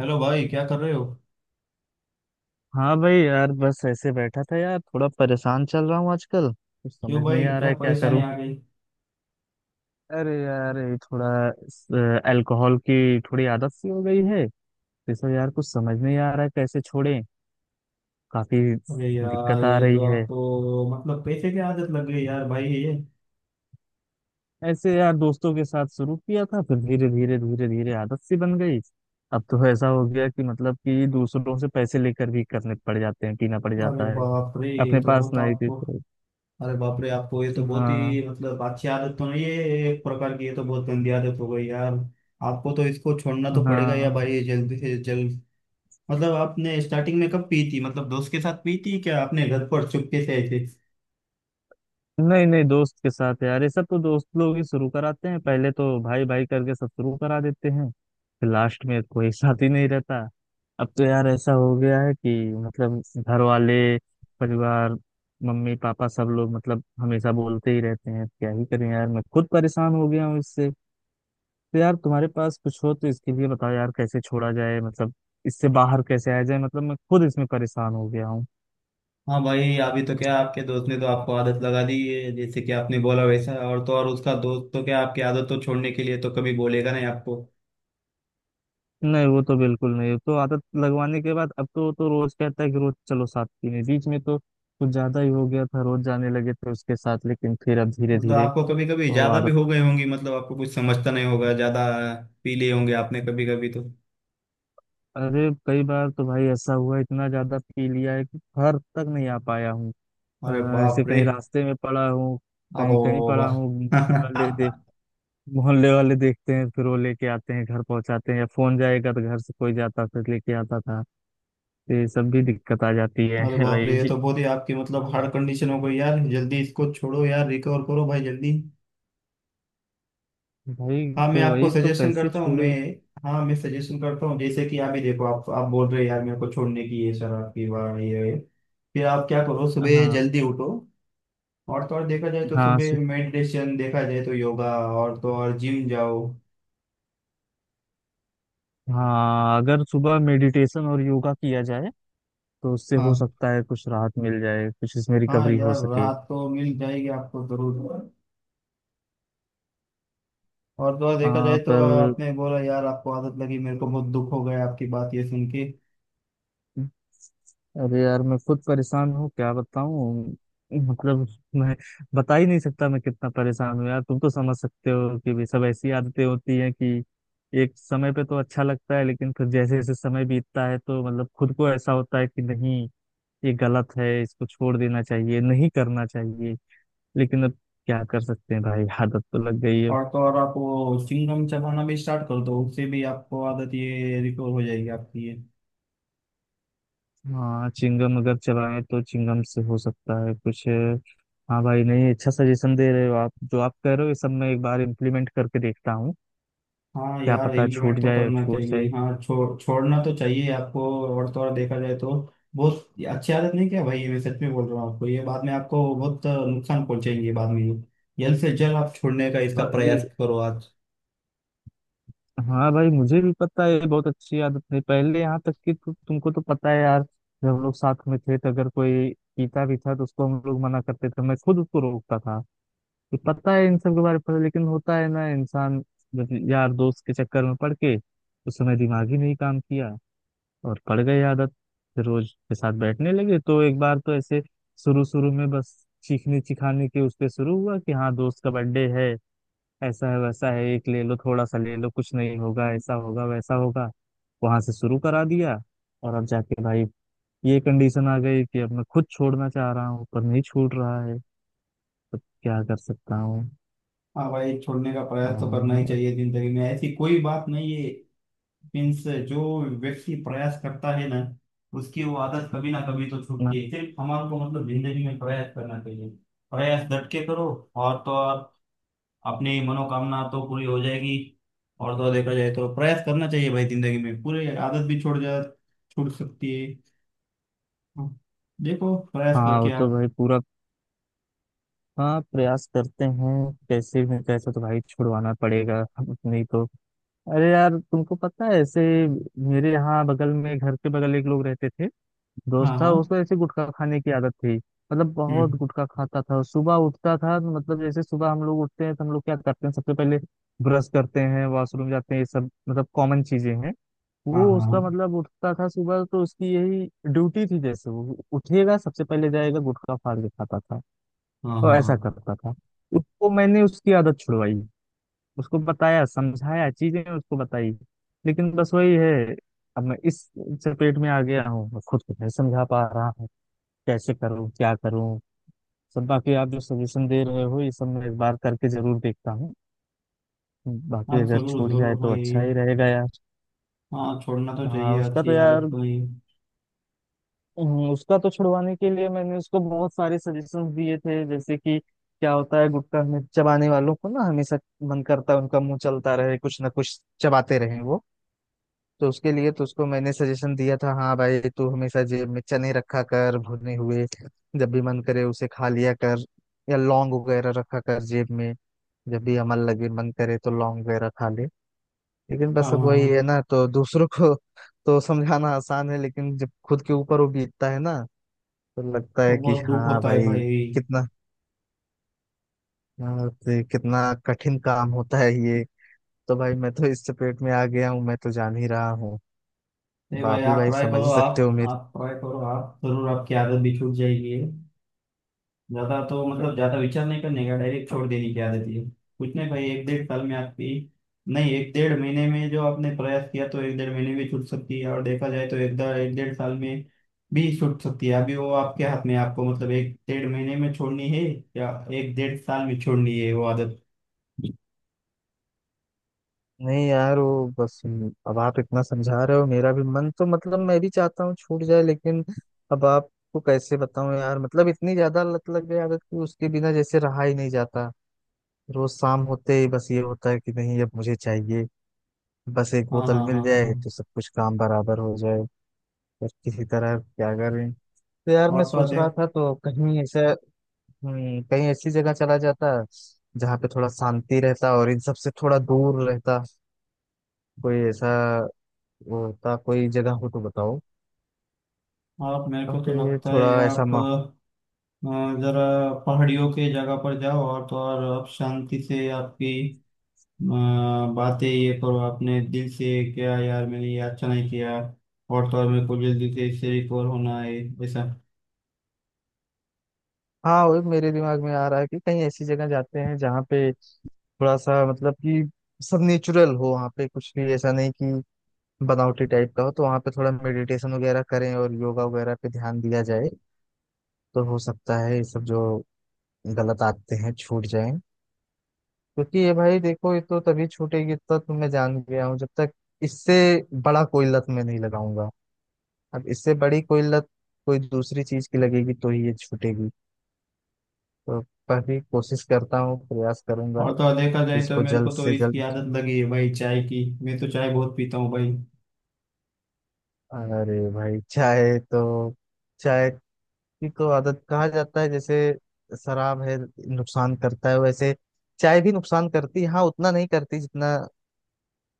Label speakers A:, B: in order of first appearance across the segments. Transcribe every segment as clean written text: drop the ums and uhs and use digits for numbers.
A: Hello भाई, क्या कर रहे हो?
B: हाँ भाई यार, बस ऐसे बैठा था यार। थोड़ा परेशान चल रहा हूँ आजकल। कुछ
A: क्यों
B: समझ
A: भाई,
B: नहीं आ रहा
A: क्या
B: है क्या
A: परेशानी
B: करूँ।
A: आ गई?
B: अरे यार ये थोड़ा अल्कोहल की थोड़ी आदत सी हो गई है। इसमें यार कुछ समझ नहीं आ रहा है कैसे छोड़ें। काफी
A: अरे यार,
B: दिक्कत आ
A: ये तो
B: रही है।
A: आपको। मतलब पैसे की आदत लग गई यार भाई, ये।
B: ऐसे यार दोस्तों के साथ शुरू किया था, फिर धीरे धीरे धीरे धीरे आदत सी बन गई। अब तो ऐसा हो गया कि मतलब कि दूसरों से पैसे लेकर भी करने पड़ जाते हैं, पीना पड़
A: अरे
B: जाता है,
A: बाप रे, ये
B: अपने
A: तो
B: पास
A: बहुत
B: नहीं थी
A: आपको।
B: तो।
A: अरे बाप रे, आपको ये तो बहुत
B: हाँ।
A: ही। मतलब अच्छी आदत तो नहीं है ये, एक प्रकार की, ये तो बहुत गंदी आदत हो गई यार। आपको तो इसको छोड़ना तो पड़ेगा या
B: हाँ,
A: भाई, जल्दी से जल्द। मतलब आपने स्टार्टिंग में कब पी थी? मतलब दोस्त के साथ पी थी क्या? आपने घर पर चुपके से ऐसे?
B: नहीं नहीं, दोस्त के साथ यार। ये सब तो दोस्त लोग ही शुरू कराते हैं। पहले तो भाई भाई करके सब शुरू करा देते हैं, फिर लास्ट में कोई साथ ही नहीं रहता। अब तो यार ऐसा हो गया है कि मतलब घर वाले, परिवार, मम्मी पापा सब लोग मतलब हमेशा बोलते ही रहते हैं। क्या ही करें यार, मैं खुद परेशान हो गया हूँ इससे। तो यार तुम्हारे पास कुछ हो तो इसके लिए बताओ यार कैसे छोड़ा जाए। मतलब इससे बाहर कैसे आया जाए। मतलब मैं खुद इसमें परेशान हो गया हूँ।
A: हाँ भाई, अभी तो क्या आपके दोस्त ने तो आपको आदत लगा दी है जैसे कि आपने बोला वैसा। और तो और उसका दोस्त तो क्या आपकी आदत तो छोड़ने के लिए तो कभी बोलेगा नहीं आपको।
B: नहीं, वो तो बिल्कुल नहीं। तो आदत लगवाने के बाद अब तो रोज कहता है कि रोज चलो साथ पीने। बीच में तो कुछ ज्यादा ही हो गया था, रोज जाने लगे थे उसके साथ, लेकिन फिर अब धीरे
A: मतलब
B: धीरे
A: आपको कभी कभी
B: वो
A: ज्यादा भी
B: आदत।
A: हो गए होंगी, मतलब आपको कुछ समझता नहीं होगा, ज्यादा पी लिए होंगे आपने कभी कभी तो।
B: अरे कई बार तो भाई ऐसा हुआ, इतना ज्यादा पी लिया है कि घर तक नहीं आ पाया हूँ।
A: अरे
B: अ, ऐसे
A: बाप रे,
B: कहीं रास्ते में पड़ा हूँ, कहीं कहीं पड़ा
A: आप।
B: हूँ। मोहल्ले वाले देख, मोहल्ले वाले देखते हैं, फिर वो लेके आते हैं, घर पहुंचाते हैं। या फोन जाएगा तो घर से कोई जाता, फिर लेके आता था। तो ये सब भी दिक्कत आ जाती है
A: अरे बाप रे, ये
B: भाई।
A: तो बहुत ही आपकी मतलब हार्ड कंडीशन हो गई यार। जल्दी इसको छोड़ो यार, रिकवर करो भाई जल्दी।
B: भाई
A: हाँ, मैं
B: तो
A: आपको
B: वही तो
A: सजेशन
B: कैसे
A: करता हूँ मैं।
B: छोड़े।
A: हाँ, मैं सजेशन करता हूँ, जैसे कि आप ही देखो, आप बोल रहे हैं यार, मेरे को छोड़ने की ये शराब की, वाह ये है।" फिर आप क्या करो, सुबह
B: हाँ।
A: जल्दी उठो। और तो और देखा जाए तो
B: हाँ सु,
A: सुबह मेडिटेशन, देखा जाए तो योगा। और तो और जिम जाओ।
B: हाँ, अगर सुबह मेडिटेशन और योगा किया जाए तो उससे हो
A: हाँ।
B: सकता है कुछ राहत मिल जाए, कुछ इसमें
A: हाँ
B: रिकवरी हो
A: यार,
B: सके।
A: रात तो मिल जाएगी आपको जरूर। और तो और देखा
B: हाँ
A: जाए तो,
B: पर,
A: आपने बोला यार आपको आदत लगी, मेरे को बहुत दुख हो गया आपकी बात ये सुन के।
B: अरे यार मैं खुद परेशान हूँ, क्या बताऊँ। मतलब मैं बता ही नहीं सकता मैं कितना परेशान हूँ यार। तुम तो समझ सकते हो कि भी सब ऐसी आदतें होती हैं कि एक समय पे तो अच्छा लगता है, लेकिन फिर जैसे जैसे समय बीतता है तो मतलब खुद को ऐसा होता है कि नहीं, ये गलत है, इसको छोड़ देना चाहिए, नहीं करना चाहिए। लेकिन अब क्या कर सकते हैं भाई, आदत तो लग गई है।
A: और तो और आप वो चिंगम चबाना भी स्टार्ट कर दो, उससे भी आपको आदत ये रिकवर हो जाएगी आपकी ये।
B: हाँ, चिंगम अगर चलाएं तो चिंगम से हो सकता है कुछ। हाँ भाई, नहीं, अच्छा सजेशन दे रहे हो आप। जो आप कह रहे हो ये सब मैं एक बार इम्प्लीमेंट करके देखता हूँ।
A: हाँ
B: क्या
A: यार,
B: पता
A: इम्प्लीमेंट
B: छूट
A: तो
B: जाए,
A: करना
B: छूट
A: चाहिए,
B: जाए।
A: हाँ, छोड़ना तो चाहिए आपको। और तो और देखा जाए तो, बहुत अच्छी आदत नहीं क्या भाई ये? मैं सच में बोल रहा हूँ आपको, ये बाद में आपको बहुत नुकसान पहुंचेंगे बाद में। जल्द से जल्द आप छोड़ने का इसका
B: भाई-
A: प्रयास करो आज।
B: हाँ भाई, मुझे भी पता है ये बहुत अच्छी आदत नहीं। पहले यहाँ तक कि तुमको तो पता है यार, जब हम लोग साथ में थे तो अगर कोई पीता भी था तो उसको हम लोग मना करते थे, मैं खुद उसको रोकता था। तो पता है इन सब के बारे में लेकिन होता है ना इंसान मतलब, यार दोस्त के चक्कर में पड़ के उस समय दिमाग ही नहीं काम किया, और पड़ गई आदत। फिर रोज के साथ बैठने लगे तो एक बार तो ऐसे शुरू शुरू में बस चीखने चिखाने के उस पे शुरू हुआ कि हाँ दोस्त का बर्थडे है, ऐसा है वैसा है, एक ले लो, थोड़ा सा ले लो, कुछ नहीं होगा, ऐसा होगा वैसा होगा। वहां से शुरू करा दिया, और अब जाके भाई ये कंडीशन आ गई कि अब मैं खुद छोड़ना चाह रहा हूँ पर नहीं छूट रहा है, तो क्या कर सकता
A: हाँ भाई, छोड़ने का प्रयास तो करना ही
B: हूँ।
A: चाहिए, जिंदगी में ऐसी कोई बात नहीं है। मीन्स, जो व्यक्ति प्रयास करता है ना, उसकी वो आदत कभी ना कभी तो
B: हाँ
A: छूटती है, सिर्फ हमारे को मतलब जिंदगी में प्रयास करना चाहिए। प्रयास डट के करो। और तो और, अपनी मनोकामना तो पूरी हो जाएगी। और तो देखा जाए तो प्रयास करना चाहिए भाई, जिंदगी में पूरी आदत भी छोड़ जा, छूट सकती है। हाँ, देखो प्रयास करके
B: वो तो
A: आप।
B: भाई पूरा, हाँ प्रयास करते हैं। कैसे तो भाई छुड़वाना पड़ेगा, नहीं तो। अरे यार तुमको पता है, ऐसे मेरे यहाँ बगल में, घर के बगल एक लोग रहते थे, दोस्त
A: हाँ,
B: था।
A: हाँ।
B: उसको ऐसे गुटखा खाने की आदत थी, मतलब बहुत
A: हम्म।
B: गुटखा खाता था। सुबह उठता था तो मतलब, जैसे सुबह हम लोग उठते हैं तो हम लोग क्या करते हैं सबसे पहले, ब्रश करते हैं, वॉशरूम जाते हैं, ये सब मतलब कॉमन चीजें हैं।
A: हाँ,
B: वो
A: हाँ, हाँ,
B: उसका मतलब उठता था सुबह, तो उसकी यही ड्यूटी थी, जैसे वो उठेगा सबसे पहले जाएगा गुटखा फाड़ के खाता था।
A: हाँ,
B: वो
A: हाँ,
B: ऐसा
A: हाँ।
B: करता था। उसको मैंने उसकी आदत छुड़वाई, उसको बताया, समझाया, चीजें उसको बताई। लेकिन बस वही है, अब मैं इस चपेट में आ गया हूँ, मैं खुद को नहीं समझा पा रहा हूँ, कैसे करूँ क्या करूँ। सब बाकी आप जो सजेशन दे रहे हो, ये सब मैं एक बार करके जरूर देखता हूँ।
A: हाँ,
B: बाकी अगर
A: जरूर
B: छूट जाए
A: जरूर
B: तो
A: भाई।
B: अच्छा ही रहेगा यार।
A: हाँ, छोड़ना तो
B: हाँ
A: चाहिए,
B: उसका तो
A: अच्छी
B: यार,
A: आदत को नहीं।
B: उसका तो छुड़वाने के लिए मैंने उसको बहुत सारे सजेशंस दिए थे। जैसे कि क्या होता है, गुटखा में चबाने वालों को ना हमेशा मन करता है उनका मुंह चलता रहे, कुछ ना कुछ चबाते रहे वो। तो उसके लिए तो उसको मैंने सजेशन दिया था, हाँ भाई तू हमेशा जेब में चने रखा कर भुने हुए, जब भी मन करे उसे खा लिया कर। या लौंग वगैरह रखा कर जेब में, जब भी अमल लगे मन करे तो लौंग वगैरह खा ले। लेकिन
A: हाँ,
B: बस अब
A: हाँ,
B: वही है
A: हाँ,
B: ना, तो दूसरों को तो समझाना आसान है, लेकिन जब खुद के ऊपर वो बीतता है ना, तो लगता है
A: तो
B: कि
A: बहुत दुख
B: हाँ
A: होता है
B: भाई
A: भाई।
B: कितना, हाँ, तो कितना कठिन काम होता है ये। तो भाई मैं तो इस चपेट में आ गया हूँ, मैं तो जान ही रहा हूँ,
A: नहीं भाई,
B: बाप भी
A: आप
B: भाई
A: ट्राई
B: समझ
A: करो,
B: ही सकते हो
A: आप
B: मेरी।
A: आप ट्राई करो, आप जरूर, आपकी आदत भी छूट जाएगी। ज्यादा तो मतलब ज्यादा विचार नहीं करने का, डायरेक्ट छोड़ देने की आदत है। कुछ नहीं भाई, एक डेढ़ साल में आपकी। नहीं, एक डेढ़ महीने में, जो आपने प्रयास किया तो एक डेढ़ महीने में छूट सकती है, और देखा जाए तो एक डेढ़ साल में भी छूट सकती है। अभी वो आपके हाथ में है, आपको मतलब एक डेढ़ महीने में छोड़नी है या एक डेढ़ साल में छोड़नी है वो आदत।
B: नहीं यार वो बस, अब आप इतना समझा रहे हो, मेरा भी मन तो मतलब मैं भी चाहता हूँ छूट जाए, लेकिन अब आपको कैसे बताऊँ यार, मतलब इतनी ज्यादा लत लग गई आदत कि उसके बिना जैसे रहा ही नहीं जाता। रोज शाम होते ही बस ये होता है कि नहीं, अब मुझे चाहिए, बस एक
A: हाँ, हाँ,
B: बोतल
A: हाँ,
B: मिल
A: हाँ,
B: जाए तो
A: हाँ।
B: सब कुछ काम बराबर हो जाए। पर किसी तरह क्या करें। तो यार मैं
A: और तो
B: सोच रहा
A: अधिक।
B: था तो कहीं ऐसे, कहीं ऐसी जगह चला जाता जहाँ पे थोड़ा शांति रहता और इन सब से थोड़ा दूर रहता। कोई ऐसा वो होता, कोई जगह हो तो बताओ।
A: आप, मेरे
B: और
A: को तो
B: फिर
A: लगता
B: थोड़ा
A: है
B: ऐसा
A: आप,
B: मा,
A: अ, जरा पहाड़ियों के जगह पर जाओ। और तो और आप शांति से आपकी, बातें ये करो आपने दिल से, क्या यार मैंने ये अच्छा नहीं किया, और तो और मेरे को जल्दी से इससे रिकवर होना है, ऐसा।
B: हाँ वो मेरे दिमाग में आ रहा है कि कहीं ऐसी जगह जाते हैं जहाँ पे थोड़ा सा मतलब कि सब नेचुरल हो, वहाँ पे कुछ भी ऐसा नहीं कि बनावटी टाइप का हो। तो वहाँ पे थोड़ा मेडिटेशन वगैरह करें और योगा वगैरह पे ध्यान दिया जाए तो हो सकता है ये सब जो गलत आते हैं छूट जाएं। क्योंकि ये भाई देखो, ये तो तभी छूटेगी, इतना तो तुम मैं जान गया हूँ, जब तक इससे बड़ा कोई लत मैं नहीं लगाऊंगा। अब इससे बड़ी कोई लत, कोई दूसरी चीज की लगेगी तो ही ये छूटेगी। तो काफी कोशिश करता हूँ, प्रयास करूंगा
A: और तो और देखा जाए तो
B: इसको
A: मेरे
B: जल्द
A: को तो
B: से
A: इसकी
B: जल्द।
A: आदत लगी है भाई, चाय की, मैं तो चाय बहुत पीता हूँ भाई।
B: अरे भाई चाय तो, चाय की तो आदत कहा जाता है। जैसे शराब है, नुकसान करता है, वैसे चाय भी नुकसान करती है। हाँ उतना नहीं करती जितना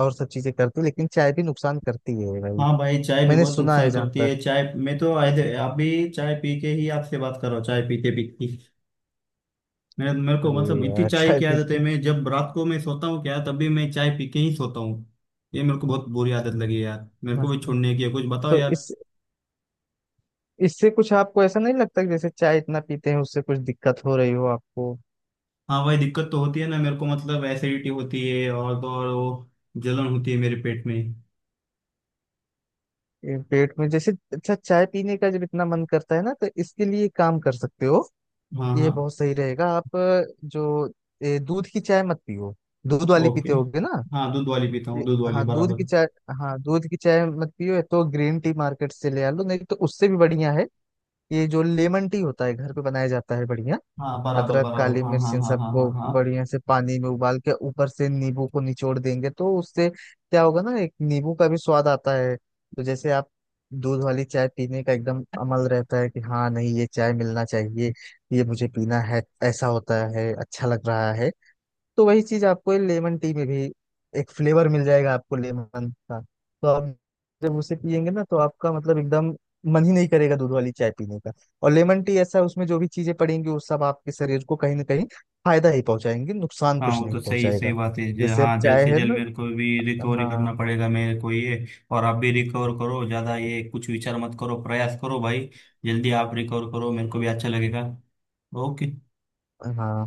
B: और सब चीजें करती, लेकिन चाय भी नुकसान करती है भाई।
A: हाँ भाई, चाय भी
B: मैंने
A: बहुत
B: सुना है
A: नुकसान
B: जहां
A: करती
B: तक।
A: है, चाय मैं तो अभी चाय पी के ही आपसे बात कर रहा हूँ, चाय पीते पीते। मेरे मेरे को
B: अरे
A: मतलब इतनी
B: यार,
A: चाय
B: अच्छा
A: की
B: ठीक
A: आदत है,
B: है।
A: मैं जब रात को मैं सोता हूँ क्या, तभी मैं चाय पी के ही सोता हूँ। ये मेरे को बहुत बुरी आदत लगी है यार, मेरे को
B: मस्त
A: भी
B: है।
A: छोड़ने की है, कुछ बताओ
B: तो
A: यार।
B: इस इससे कुछ आपको ऐसा नहीं लगता कि जैसे चाय इतना पीते हैं उससे कुछ दिक्कत हो रही हो आपको?
A: हाँ, वही दिक्कत तो होती है ना मेरे को, मतलब एसिडिटी होती है और तो और वो जलन होती है मेरे पेट में।
B: ये पेट में, जैसे अच्छा, चाय पीने का जब इतना मन करता है ना, तो इसके लिए काम कर सकते हो।
A: हाँ,
B: ये
A: हाँ।
B: बहुत सही रहेगा। आप जो दूध की चाय मत पियो। दूध वाली
A: ओके।
B: पीते होगे ना?
A: हाँ, दूध वाली पीता हूँ,
B: ये-
A: दूध वाली
B: हाँ दूध की
A: बराबर।
B: चाय, हाँ दूध की चाय मत पियो, या तो ग्रीन टी मार्केट से ले आ लो, नहीं तो उससे भी बढ़िया है ये जो लेमन टी होता है घर पे बनाया जाता है, बढ़िया।
A: हाँ, बराबर
B: अदरक
A: बराबर,
B: काली
A: हाँ,
B: मिर्च
A: हाँ,
B: इन
A: हाँ, हाँ,
B: सबको
A: हाँ, हाँ।
B: बढ़िया से पानी में उबाल के ऊपर से नींबू को निचोड़ देंगे तो उससे क्या होगा ना, एक नींबू का भी स्वाद आता है। तो जैसे आप दूध वाली चाय पीने का एकदम अमल रहता है कि हाँ नहीं, ये चाय मिलना चाहिए, ये मुझे पीना है, ऐसा होता है, अच्छा लग रहा है। तो वही चीज आपको लेमन टी में भी एक फ्लेवर मिल जाएगा, आपको लेमन का। तो आप जब उसे पियेंगे ना, तो आपका मतलब एकदम मन ही नहीं करेगा दूध वाली चाय पीने का। और लेमन टी ऐसा है, उसमें जो भी चीजें पड़ेंगी वो सब आपके शरीर को कहीं ना कहीं फायदा ही पहुंचाएंगे, नुकसान
A: हाँ,
B: कुछ
A: वो तो
B: नहीं
A: सही सही
B: पहुंचाएगा।
A: बात है,
B: जैसे अब
A: हाँ, जल्द
B: चाय
A: से
B: है
A: जल्द
B: ना।
A: मेरे को भी रिकवरी करना
B: हाँ।
A: पड़ेगा मेरे को ये। और आप भी रिकवर करो, ज़्यादा ये कुछ विचार मत करो, प्रयास करो भाई। जल्दी आप रिकवर करो, मेरे को भी अच्छा लगेगा। ओके।
B: हाँ,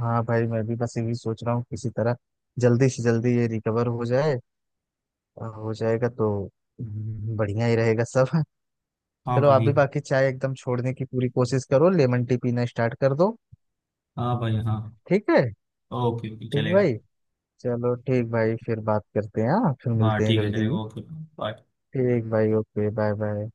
B: हाँ भाई, मैं भी बस यही सोच रहा हूँ किसी तरह जल्दी से जल्दी ये रिकवर हो जाए। और हो जाएगा तो बढ़िया ही रहेगा सब।
A: हाँ
B: चलो, आप
A: भाई,
B: भी बाकी चाय एकदम छोड़ने की पूरी कोशिश करो, लेमन टी पीना स्टार्ट कर दो।
A: हाँ भाई, हाँ।
B: ठीक है।
A: ओके, ओके,
B: ठीक
A: चलेगा।
B: भाई, चलो ठीक भाई, फिर बात करते हैं, हाँ फिर
A: हाँ,
B: मिलते हैं
A: ठीक है,
B: जल्दी।
A: चलेगा। Okay, bye.
B: ठीक भाई, ओके बाय बाय।